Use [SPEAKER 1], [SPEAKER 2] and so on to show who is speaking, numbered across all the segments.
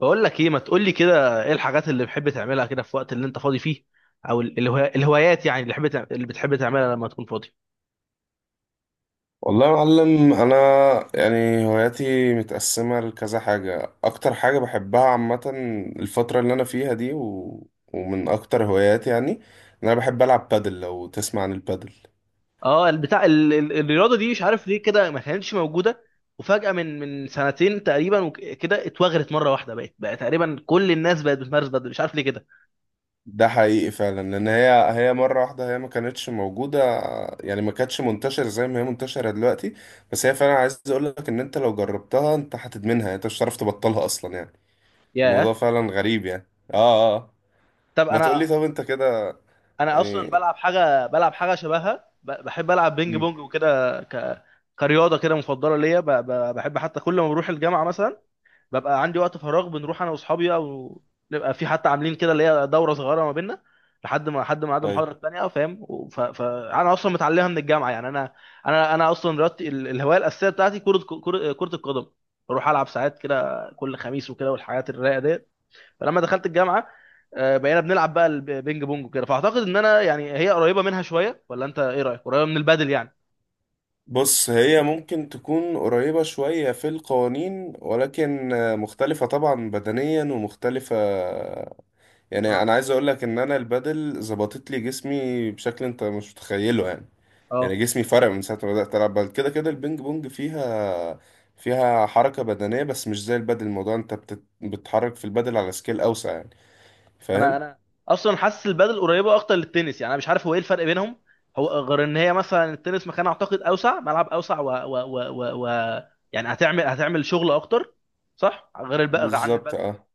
[SPEAKER 1] بقول لك ايه، ما تقول لي كده، ايه الحاجات اللي بتحب تعملها كده في وقت اللي انت فاضي فيه؟ او الهوايات يعني اللي بتحب تعملها لما تكون فاضي.
[SPEAKER 2] والله يا معلم، انا يعني هواياتي متقسمه لكذا حاجه. اكتر حاجه بحبها عامه الفتره اللي انا فيها دي، و... ومن اكتر هواياتي يعني ان انا بحب العب بادل. لو تسمع عن البادل،
[SPEAKER 1] اه، البتاع الرياضه دي مش عارف ليه كده ما كانتش موجوده. وفجاه من سنتين تقريبا وك- كده اتوغرت مره واحده، بقت بقى تقريبا كل الناس بقت بتمارس بدل مش عارف ليه كده.
[SPEAKER 2] ده حقيقي فعلا لان هي مره واحده هي ما كانتش موجوده، يعني ما كانتش منتشره زي ما هي منتشره دلوقتي. بس هي فعلا عايز اقول لك ان انت لو جربتها انت هتدمنها، يعني انت مش هتعرف تبطلها اصلا يعني.
[SPEAKER 1] ياه.
[SPEAKER 2] الموضوع فعلا غريب يعني. اه، اه، آه.
[SPEAKER 1] طب
[SPEAKER 2] ما تقولي
[SPEAKER 1] انا
[SPEAKER 2] طب انت كده
[SPEAKER 1] انا اصلا
[SPEAKER 2] يعني.
[SPEAKER 1] بلعب حاجه، شبهها بحب العب بينج
[SPEAKER 2] مم.
[SPEAKER 1] بونج وكده كرياضه كده مفضله ليا، بحب حتى كل ما بروح الجامعه مثلا ببقى عندي وقت فراغ، بنروح انا واصحابي بقى، ونبقى في حتى عاملين كده اللي هي دوره صغيره ما بيننا لحد ما عاد
[SPEAKER 2] أيوة.
[SPEAKER 1] المحاضره الثانيه، فاهم؟ فانا اصلا متعلمها من الجامعه يعني، انا انا اصلا رياضتي الهوايه الاساسيه بتاعتي كره، كرة القدم. بروح العب ساعات كده كل خميس وكده والحاجات الرايقه ديت. فلما دخلت الجامعه، بقينا بنلعب بقى البينج بونج وكده، فاعتقد ان انا يعني هي قريبه منها شويه، ولا انت ايه رايك؟ قريبه من البادل يعني.
[SPEAKER 2] بص، هي ممكن تكون قريبة شوية في القوانين، ولكن مختلفة طبعا بدنيا ومختلفة.
[SPEAKER 1] اه،
[SPEAKER 2] يعني أنا عايز أقولك إن أنا البادل ظبطت لي جسمي بشكل أنت مش متخيله يعني. يعني
[SPEAKER 1] اه،
[SPEAKER 2] جسمي فرق من ساعة ما بدأت ألعب بادل كده كده. البينج بونج فيها حركة بدنية، بس مش زي البادل. الموضوع أنت بتتحرك في البادل على سكيل أوسع يعني.
[SPEAKER 1] انا
[SPEAKER 2] فاهم؟
[SPEAKER 1] انا اصلا حاسس البادل قريبه اكتر للتنس، يعني انا مش عارف هو ايه الفرق بينهم. هو غير ان هي مثلا التنس مكان اعتقد اوسع، ملعب اوسع، و يعني هتعمل شغل اكتر، صح، غير عن
[SPEAKER 2] بالظبط
[SPEAKER 1] البادل يعني.
[SPEAKER 2] اه.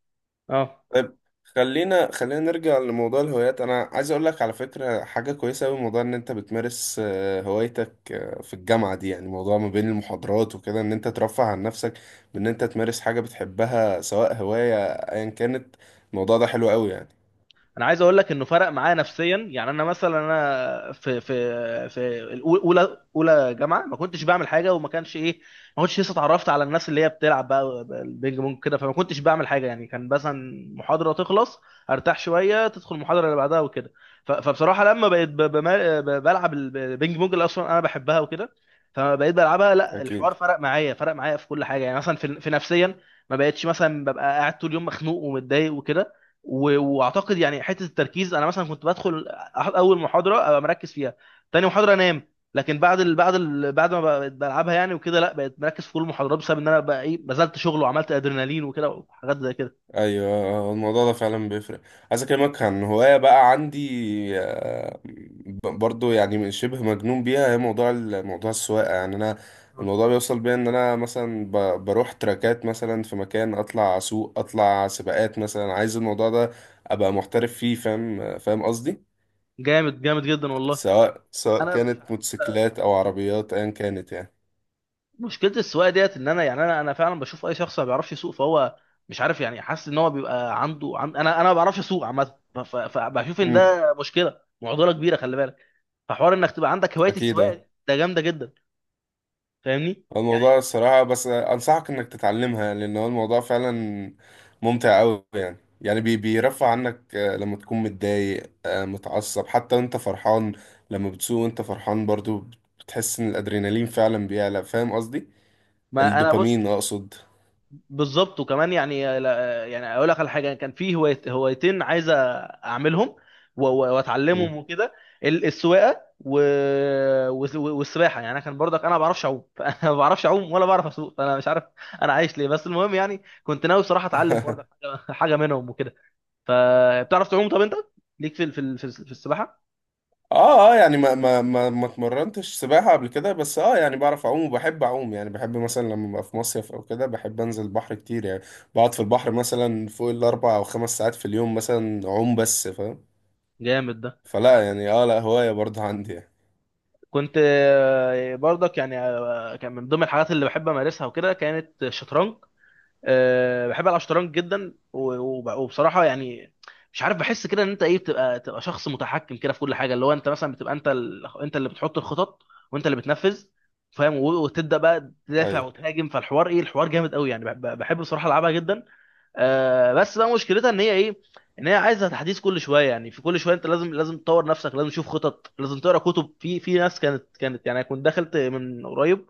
[SPEAKER 1] اه،
[SPEAKER 2] طيب، خلينا نرجع لموضوع الهوايات. انا عايز اقول لك على فكره حاجه كويسه قوي، موضوع ان انت بتمارس هوايتك في الجامعه دي. يعني موضوع ما بين المحاضرات وكده ان انت ترفه عن نفسك بان انت تمارس حاجه بتحبها سواء هوايه ايا كانت. الموضوع ده حلو قوي يعني.
[SPEAKER 1] انا عايز اقول لك انه فرق معايا نفسيا، يعني انا مثلا انا في اولى جامعه ما كنتش بعمل حاجه، وما كانش ايه، ما كنتش لسه اتعرفت على الناس اللي هي بتلعب بقى البينج بونج كده، فما كنتش بعمل حاجه، يعني كان مثلا محاضره تخلص، ارتاح شويه، تدخل المحاضره اللي بعدها وكده. فبصراحه لما بقيت بلعب البينج بونج اللي اصلا انا بحبها وكده، فبقيت بلعبها، لا،
[SPEAKER 2] اكيد.
[SPEAKER 1] الحوار فرق معايا في كل حاجه، يعني مثلا في نفسيا، ما بقتش مثلا ببقى قاعد طول اليوم مخنوق ومتضايق وكده. واعتقد يعني حته التركيز، انا مثلا كنت بدخل اول محاضره ابقى مركز فيها، تاني محاضره انام، لكن بعد ما بقيت بلعبها يعني وكده، لا، بقيت مركز في كل المحاضرات، بسبب ان انا بقى ايه بذلت شغل وعملت ادرينالين وكده وحاجات زي كده.
[SPEAKER 2] ايوه، الموضوع ده فعلا بيفرق. عايز اكلمك عن هوايه بقى عندي، برضو، يعني من شبه مجنون بيها. هي موضوع موضوع السواقه. يعني انا الموضوع بيوصل بيا ان انا مثلا بروح تراكات مثلا في مكان، اطلع اسوق، اطلع سباقات مثلا. عايز الموضوع ده ابقى محترف فيه. فاهم قصدي.
[SPEAKER 1] جامد جامد جدا والله.
[SPEAKER 2] سواء
[SPEAKER 1] انا مش
[SPEAKER 2] كانت
[SPEAKER 1] عارف،
[SPEAKER 2] موتوسيكلات او عربيات ايا كانت يعني.
[SPEAKER 1] مشكله السواقه ديت ان انا يعني انا فعلا بشوف اي شخص ما بيعرفش يسوق فهو مش عارف، يعني حاسس ان هو بيبقى عنده انا ما بعرفش اسوق عامه، فبشوف ان
[SPEAKER 2] امم.
[SPEAKER 1] ده مشكله، معضله كبيره، خلي بالك. فحوار انك تبقى عندك هوايه
[SPEAKER 2] اكيد
[SPEAKER 1] السواقه
[SPEAKER 2] آه.
[SPEAKER 1] دي، ده جامده جدا. فاهمني؟ يعني.
[SPEAKER 2] الموضوع الصراحة بس أنصحك إنك تتعلمها، لأن هو الموضوع فعلا ممتع أوي يعني. يعني بي بيرفع عنك، لما تكون متضايق، متعصب حتى وأنت فرحان. لما بتسوق وأنت فرحان برضو بتحس إن الأدرينالين فعلا بيعلى. فاهم قصدي؟
[SPEAKER 1] ما انا بص.
[SPEAKER 2] الدوبامين أقصد.
[SPEAKER 1] بالظبط، وكمان يعني يعني اقول لك على حاجه، كان في هوايتين عايز اعملهم واتعلمهم وكده، السواقه والسباحه. يعني انا كان برضك، انا ما بعرفش اعوم فانا ما بعرفش اعوم ولا بعرف اسوق، فانا مش عارف انا عايش ليه. بس المهم يعني، كنت ناوي بصراحه اتعلم برضك حاجه حاجة منهم وكده. فبتعرف تعوم؟ طب انت ليك في السباحه؟
[SPEAKER 2] اه، اه، يعني ما اتمرنتش سباحة قبل كده، بس اه يعني بعرف اعوم وبحب اعوم. يعني بحب مثلا لما ابقى في مصيف او كده بحب انزل البحر كتير يعني. بقعد في البحر مثلا فوق الاربع او خمس ساعات في اليوم مثلا اعوم بس. فاهم؟
[SPEAKER 1] جامد ده.
[SPEAKER 2] فلا يعني اه، لا هواية برضه عندي يعني.
[SPEAKER 1] كنت برضك يعني كان من ضمن الحاجات اللي بحب امارسها وكده كانت الشطرنج. بحب العب شطرنج جدا، وبصراحه يعني مش عارف، بحس كده ان انت ايه، تبقى شخص متحكم كده في كل حاجه، اللي هو انت مثلا بتبقى انت اللي بتحط الخطط، وانت اللي بتنفذ، فاهم؟ وتبدا بقى تدافع
[SPEAKER 2] ايوه.
[SPEAKER 1] وتهاجم، فالحوار ايه، الحوار جامد قوي، يعني بحب بصراحه العبها جدا. بس بقى مشكلتها ان هي ايه، ان هي عايزه تحديث كل شويه، يعني في كل شويه انت لازم تطور نفسك، لازم تشوف خطط، لازم تقرا كتب، في ناس كانت كانت، يعني أنا كنت دخلت من قريب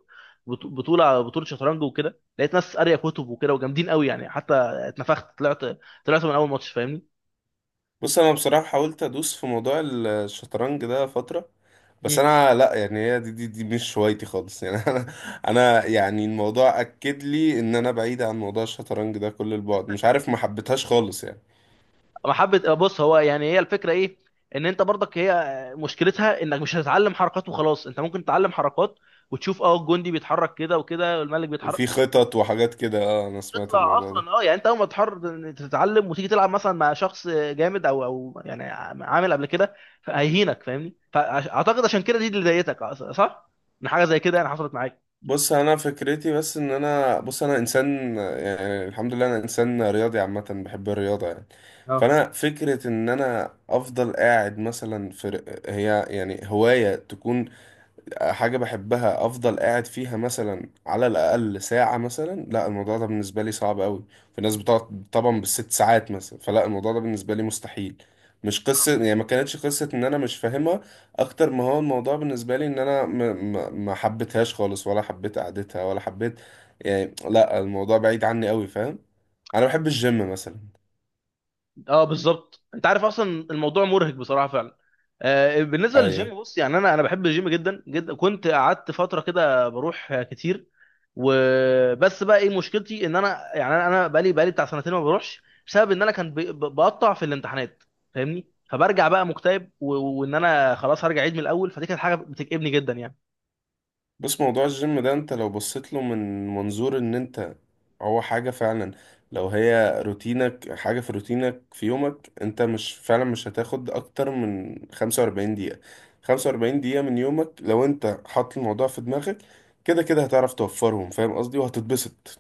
[SPEAKER 1] بطوله شطرنج وكده، لقيت ناس قاريه كتب وكده وجامدين قوي يعني، حتى اتنفخت، طلعت من اول ماتش، فاهمني؟
[SPEAKER 2] بص انا بصراحة حاولت ادوس في موضوع الشطرنج ده فترة. بس
[SPEAKER 1] مم.
[SPEAKER 2] انا لا، يعني هي دي مش هوايتي خالص يعني. انا يعني الموضوع اكد لي ان انا بعيد عن موضوع الشطرنج ده كل البعد. مش عارف، ما حبيتهاش خالص يعني.
[SPEAKER 1] محبه، بص، هو يعني هي الفكره ايه، ان انت برضك هي مشكلتها انك مش هتتعلم حركات وخلاص، انت ممكن تتعلم حركات وتشوف الجندي بيتحرك كده وكده، والملك بيتحرك،
[SPEAKER 2] وفي خطط وحاجات كده اه، انا سمعت
[SPEAKER 1] تطلع
[SPEAKER 2] الموضوع ده.
[SPEAKER 1] اصلا يعني انت اول ما تتعلم وتيجي تلعب مثلا مع شخص جامد او يعني عامل قبل كده، هيهينك، فاهمني؟ فاعتقد عشان كده دي اللي ضايقتك صح، ان حاجه زي كده يعني حصلت معاك.
[SPEAKER 2] بص انا فكرتي، بس ان انا، بص انا انسان، يعني الحمد لله انا انسان رياضي عامه بحب الرياضه يعني.
[SPEAKER 1] اه،
[SPEAKER 2] فانا فكره ان انا افضل قاعد مثلا هي يعني هوايه تكون حاجة بحبها، أفضل قاعد فيها مثلا على الأقل ساعة مثلا، لا الموضوع ده بالنسبة لي صعب أوي. في ناس بتقعد طبعا بالست ساعات مثلا، فلا الموضوع ده بالنسبة لي مستحيل. مش قصة يعني، ما كانتش قصة إن أنا مش فاهمها، أكتر ما هو الموضوع بالنسبة لي إن أنا ما حبيتهاش خالص، ولا حبيت قعدتها، ولا حبيت يعني. لا، الموضوع بعيد عني أوي. فاهم؟ أنا بحب الجيم مثلا.
[SPEAKER 1] اه، بالظبط، انت عارف اصلا الموضوع مرهق بصراحه فعلا. آه، بالنسبه
[SPEAKER 2] أيوه.
[SPEAKER 1] للجيم، بص يعني انا بحب الجيم جدا جدا، كنت قعدت فتره كده بروح كتير، وبس، بقى ايه مشكلتي؟ ان انا يعني انا بقالي بتاع سنتين ما بروحش، بسبب ان انا كان بقطع في الامتحانات، فاهمني؟ فبرجع بقى مكتئب وان انا خلاص هرجع عيد من الاول، فدي كانت حاجه بتكئبني جدا يعني.
[SPEAKER 2] بص، موضوع الجيم ده انت لو بصيت له من منظور ان انت هو حاجة فعلا، لو هي روتينك، حاجة في روتينك في يومك، انت مش فعلا مش هتاخد اكتر من 45 دقيقة. 45 دقيقة من يومك لو انت حاطط الموضوع في دماغك، كده كده هتعرف توفرهم. فاهم قصدي؟ وهتتبسط.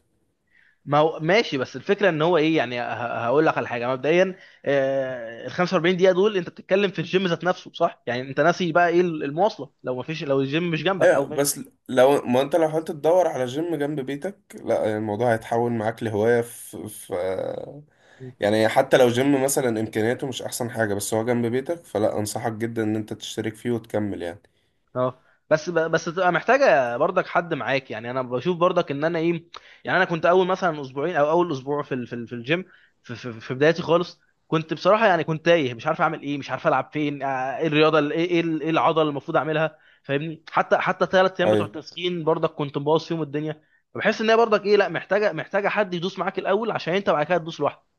[SPEAKER 1] ما هو ماشي، بس الفكره ان هو ايه؟ يعني هقول لك على حاجه مبدئيا، ال 45 دقيقه دول انت بتتكلم في الجيم ذات نفسه صح، يعني انت ناسي بقى ايه المواصله، لو ما فيش، لو الجيم مش جنبك او
[SPEAKER 2] ايوه.
[SPEAKER 1] ماشي.
[SPEAKER 2] بس لو ما انت لو حاولت تدور على جيم جنب بيتك، لا الموضوع هيتحول معاك لهواية في. يعني حتى لو جيم مثلا امكانياته مش احسن حاجة، بس هو جنب بيتك، فلا انصحك جدا ان انت تشترك فيه وتكمل يعني.
[SPEAKER 1] اه، بس بس تبقى محتاجه برضك حد معاك، يعني انا بشوف برضك ان انا ايه، يعني انا كنت اول مثلا اسبوعين او اول اسبوع في الجيم، في بدايتي خالص، كنت بصراحه يعني كنت تايه، مش عارف اعمل ايه، مش عارف العب فين، ايه الرياضه إيه العضله اللي المفروض اعملها، فاهمني؟ حتى 3 ايام بتوع
[SPEAKER 2] ايوه،
[SPEAKER 1] التسخين برضك كنت مبوظ فيهم الدنيا. فبحس ان هي برضك ايه، لا محتاجه حد يدوس معاك الاول، عشان انت بعد كده تدوس لوحدك،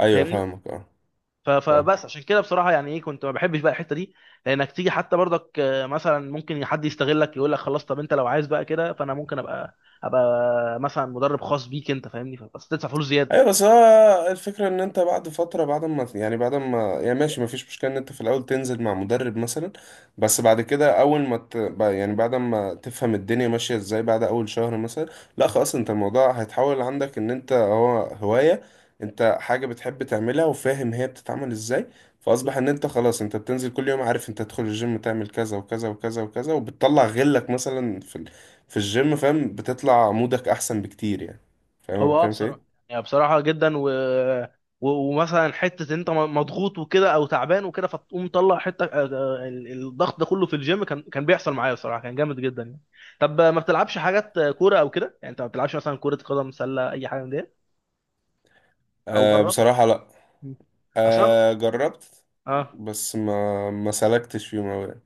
[SPEAKER 2] ايوه،
[SPEAKER 1] فاهمني.
[SPEAKER 2] فاهمك اه.
[SPEAKER 1] ف-
[SPEAKER 2] فاهم.
[SPEAKER 1] فبس عشان كده بصراحه يعني ايه، كنت ما بحبش بقى الحته دي، لانك تيجي حتى برضك مثلا ممكن حد يستغلك، يقول لك خلاص، طب انت لو عايز بقى كده فانا ممكن ابقى مثلا مدرب خاص بيك انت، فاهمني؟ بس تدفع فلوس زياده.
[SPEAKER 2] ايوه، بس هو الفكره ان انت بعد فتره، بعد ما يعني ماشي، ما فيش مشكله ان انت في الاول تنزل مع مدرب مثلا. بس بعد كده، اول ما يعني بعد ما تفهم الدنيا ماشيه ازاي بعد اول شهر مثلا، لا خلاص، انت الموضوع هيتحول عندك ان انت هو هوايه، انت حاجه بتحب تعملها، وفاهم هي بتتعمل ازاي. فاصبح
[SPEAKER 1] بالظبط.
[SPEAKER 2] ان انت خلاص انت بتنزل كل يوم، عارف انت تدخل الجيم تعمل كذا وكذا وكذا وكذا وبتطلع غلك مثلا في الجيم. فاهم؟ بتطلع مودك احسن بكتير يعني. فاهم أنا
[SPEAKER 1] هو
[SPEAKER 2] بتكلم في
[SPEAKER 1] بصراحه
[SPEAKER 2] ايه؟
[SPEAKER 1] يعني بصراحه جدا ومثلا حته انت مضغوط وكده او تعبان وكده، فتقوم مطلع حته الضغط ده كله في الجيم، كان بيحصل معايا بصراحه، كان جامد جدا يعني. طب ما بتلعبش حاجات كوره او كده، يعني انت ما بتلعبش مثلا كره قدم، سله، اي حاجه من دي؟ او
[SPEAKER 2] أه
[SPEAKER 1] جربت؟
[SPEAKER 2] بصراحة لا.
[SPEAKER 1] مم. اصلا.
[SPEAKER 2] أه جربت.
[SPEAKER 1] اه،
[SPEAKER 2] بس ما سلكتش فيهم أوي يعني.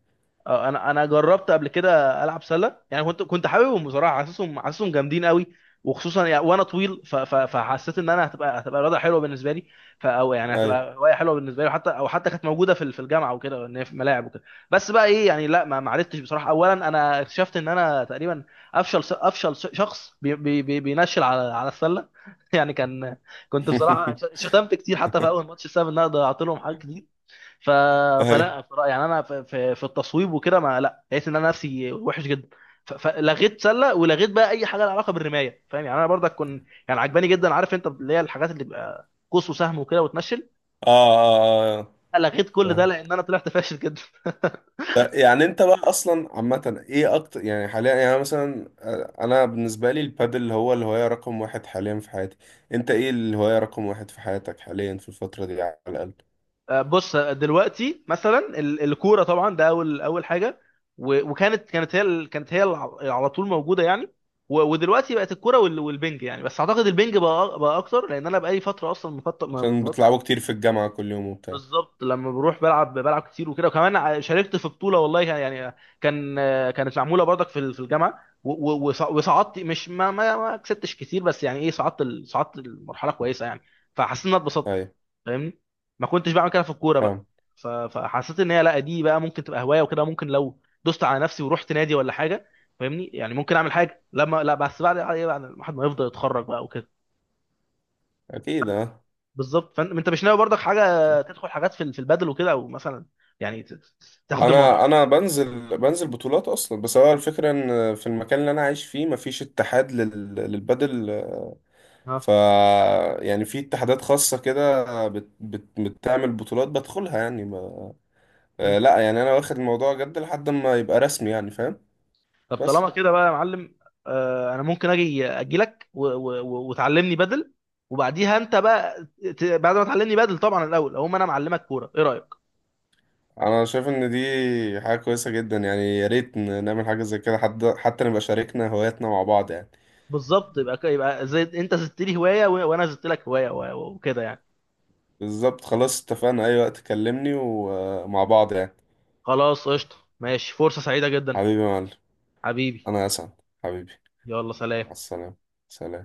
[SPEAKER 1] اه، انا جربت قبل كده العب سله، يعني كنت حاببهم بصراحه، حاسسهم جامدين قوي، وخصوصا يعني وانا طويل، فحسيت ان انا هتبقى رياضه حلوه بالنسبه لي، او يعني
[SPEAKER 2] أيوة.
[SPEAKER 1] هتبقى هوايه حلوه بالنسبه لي، وحتى او حتى كانت موجوده في الجامعه وكده، ان هي في ملاعب وكده. بس بقى ايه يعني، لا ما عرفتش بصراحه، اولا انا اكتشفت ان انا تقريبا افشل شخص بينشل على السله يعني كان، كنت بصراحه ش- شتمت كتير، حتى في اول ماتش بسبب ان انا ضيعت لهم حاجات كتير، ف...
[SPEAKER 2] أيوة.
[SPEAKER 1] فلا، يعني انا في التصويب وكده، ما لا، لقيت ان انا نفسي وحش جدا، فلغيت سله، ولغيت بقى اي حاجه لها علاقه بالرمايه، فاهم؟ يعني انا برضك كنت يعني عجباني جدا، عارف انت اللي هي الحاجات اللي بيبقى قوس وسهم وكده وتنشل،
[SPEAKER 2] آه، آه، آه، آه.
[SPEAKER 1] لغيت كل ده
[SPEAKER 2] فاهم.
[SPEAKER 1] لان انا طلعت فاشل جدا.
[SPEAKER 2] لا، يعني أنت بقى أصلا عامة إيه أكتر يعني حاليا، يعني مثلا أنا بالنسبة لي البادل هو الهواية رقم واحد حاليا في حياتي. أنت إيه الهواية رقم واحد في حياتك حاليا في الفترة دي على الأقل؟
[SPEAKER 1] بص دلوقتي مثلا الكوره طبعا، ده اول اول حاجه، و- وكانت كانت هي ال- كانت هي الع- على طول موجوده يعني، ودلوقتي بقت الكوره والبنج، يعني بس اعتقد البنج بقى اكتر لان انا بقالي فتره اصلا مفطر.
[SPEAKER 2] عشان بتلعبوا كتير في الجامعة كل يوم وبتاع.
[SPEAKER 1] بالظبط، لما بروح بلعب كتير وكده، وكمان شاركت في بطوله والله يعني كان كانت معموله برضك في الجامعه، وصعدت مش ما كسبتش كتير، بس يعني ايه صعدت المرحله كويسه يعني. فحسيت ان انا اتبسطت،
[SPEAKER 2] أيوة.
[SPEAKER 1] فاهمني؟ ما كنتش بعمل كده في الكوره بقى.
[SPEAKER 2] فاهم.
[SPEAKER 1] فحسيت ان هي، لا دي بقى ممكن تبقى هوايه وكده، ممكن لو دوست على نفسي ورحت نادي ولا حاجه، فاهمني؟ يعني ممكن اعمل حاجه، لما لا، بس بعد ايه، بعد ما الواحد ما يفضل يتخرج بقى وكده.
[SPEAKER 2] أكيد أه.
[SPEAKER 1] بالظبط، فانت مش ناوي برضك حاجه تدخل حاجات في البدل وكده او مثلا، يعني تاخد الموضوع
[SPEAKER 2] انا
[SPEAKER 1] بقى.
[SPEAKER 2] انا بنزل بطولات اصلا، بس هو الفكره ان في المكان اللي انا عايش فيه مفيش اتحاد للبدل. ف
[SPEAKER 1] اه.
[SPEAKER 2] يعني في اتحادات خاصه كده بتعمل بطولات، بدخلها يعني ما...
[SPEAKER 1] إيه.
[SPEAKER 2] آه، لا يعني انا واخد الموضوع جد لحد ما يبقى رسمي يعني. فاهم؟
[SPEAKER 1] طب
[SPEAKER 2] بس
[SPEAKER 1] طالما كده بقى يا معلم، انا ممكن اجي لك وتعلمني بدل، وبعديها انت بقى، بعد ما تعلمني بدل طبعا الاول، اقوم انا معلمك كوره، ايه رايك؟
[SPEAKER 2] انا شايف ان دي حاجه كويسه جدا، يعني يا ريت نعمل حاجه زي كده، حتى نبقى شاركنا هواياتنا مع بعض يعني.
[SPEAKER 1] بالظبط، يبقى زي انت زدت لي هوايه وانا زدت لك هوايه وكده يعني.
[SPEAKER 2] بالظبط، خلاص اتفقنا، اي وقت كلمني ومع بعض يعني.
[SPEAKER 1] خلاص، قشطه، ماشي، فرصه سعيده جدا.
[SPEAKER 2] حبيبي يا معلم،
[SPEAKER 1] حبيبي،
[SPEAKER 2] انا اسعد. حبيبي.
[SPEAKER 1] يلا
[SPEAKER 2] مع
[SPEAKER 1] سلام.
[SPEAKER 2] السلامة. سلام.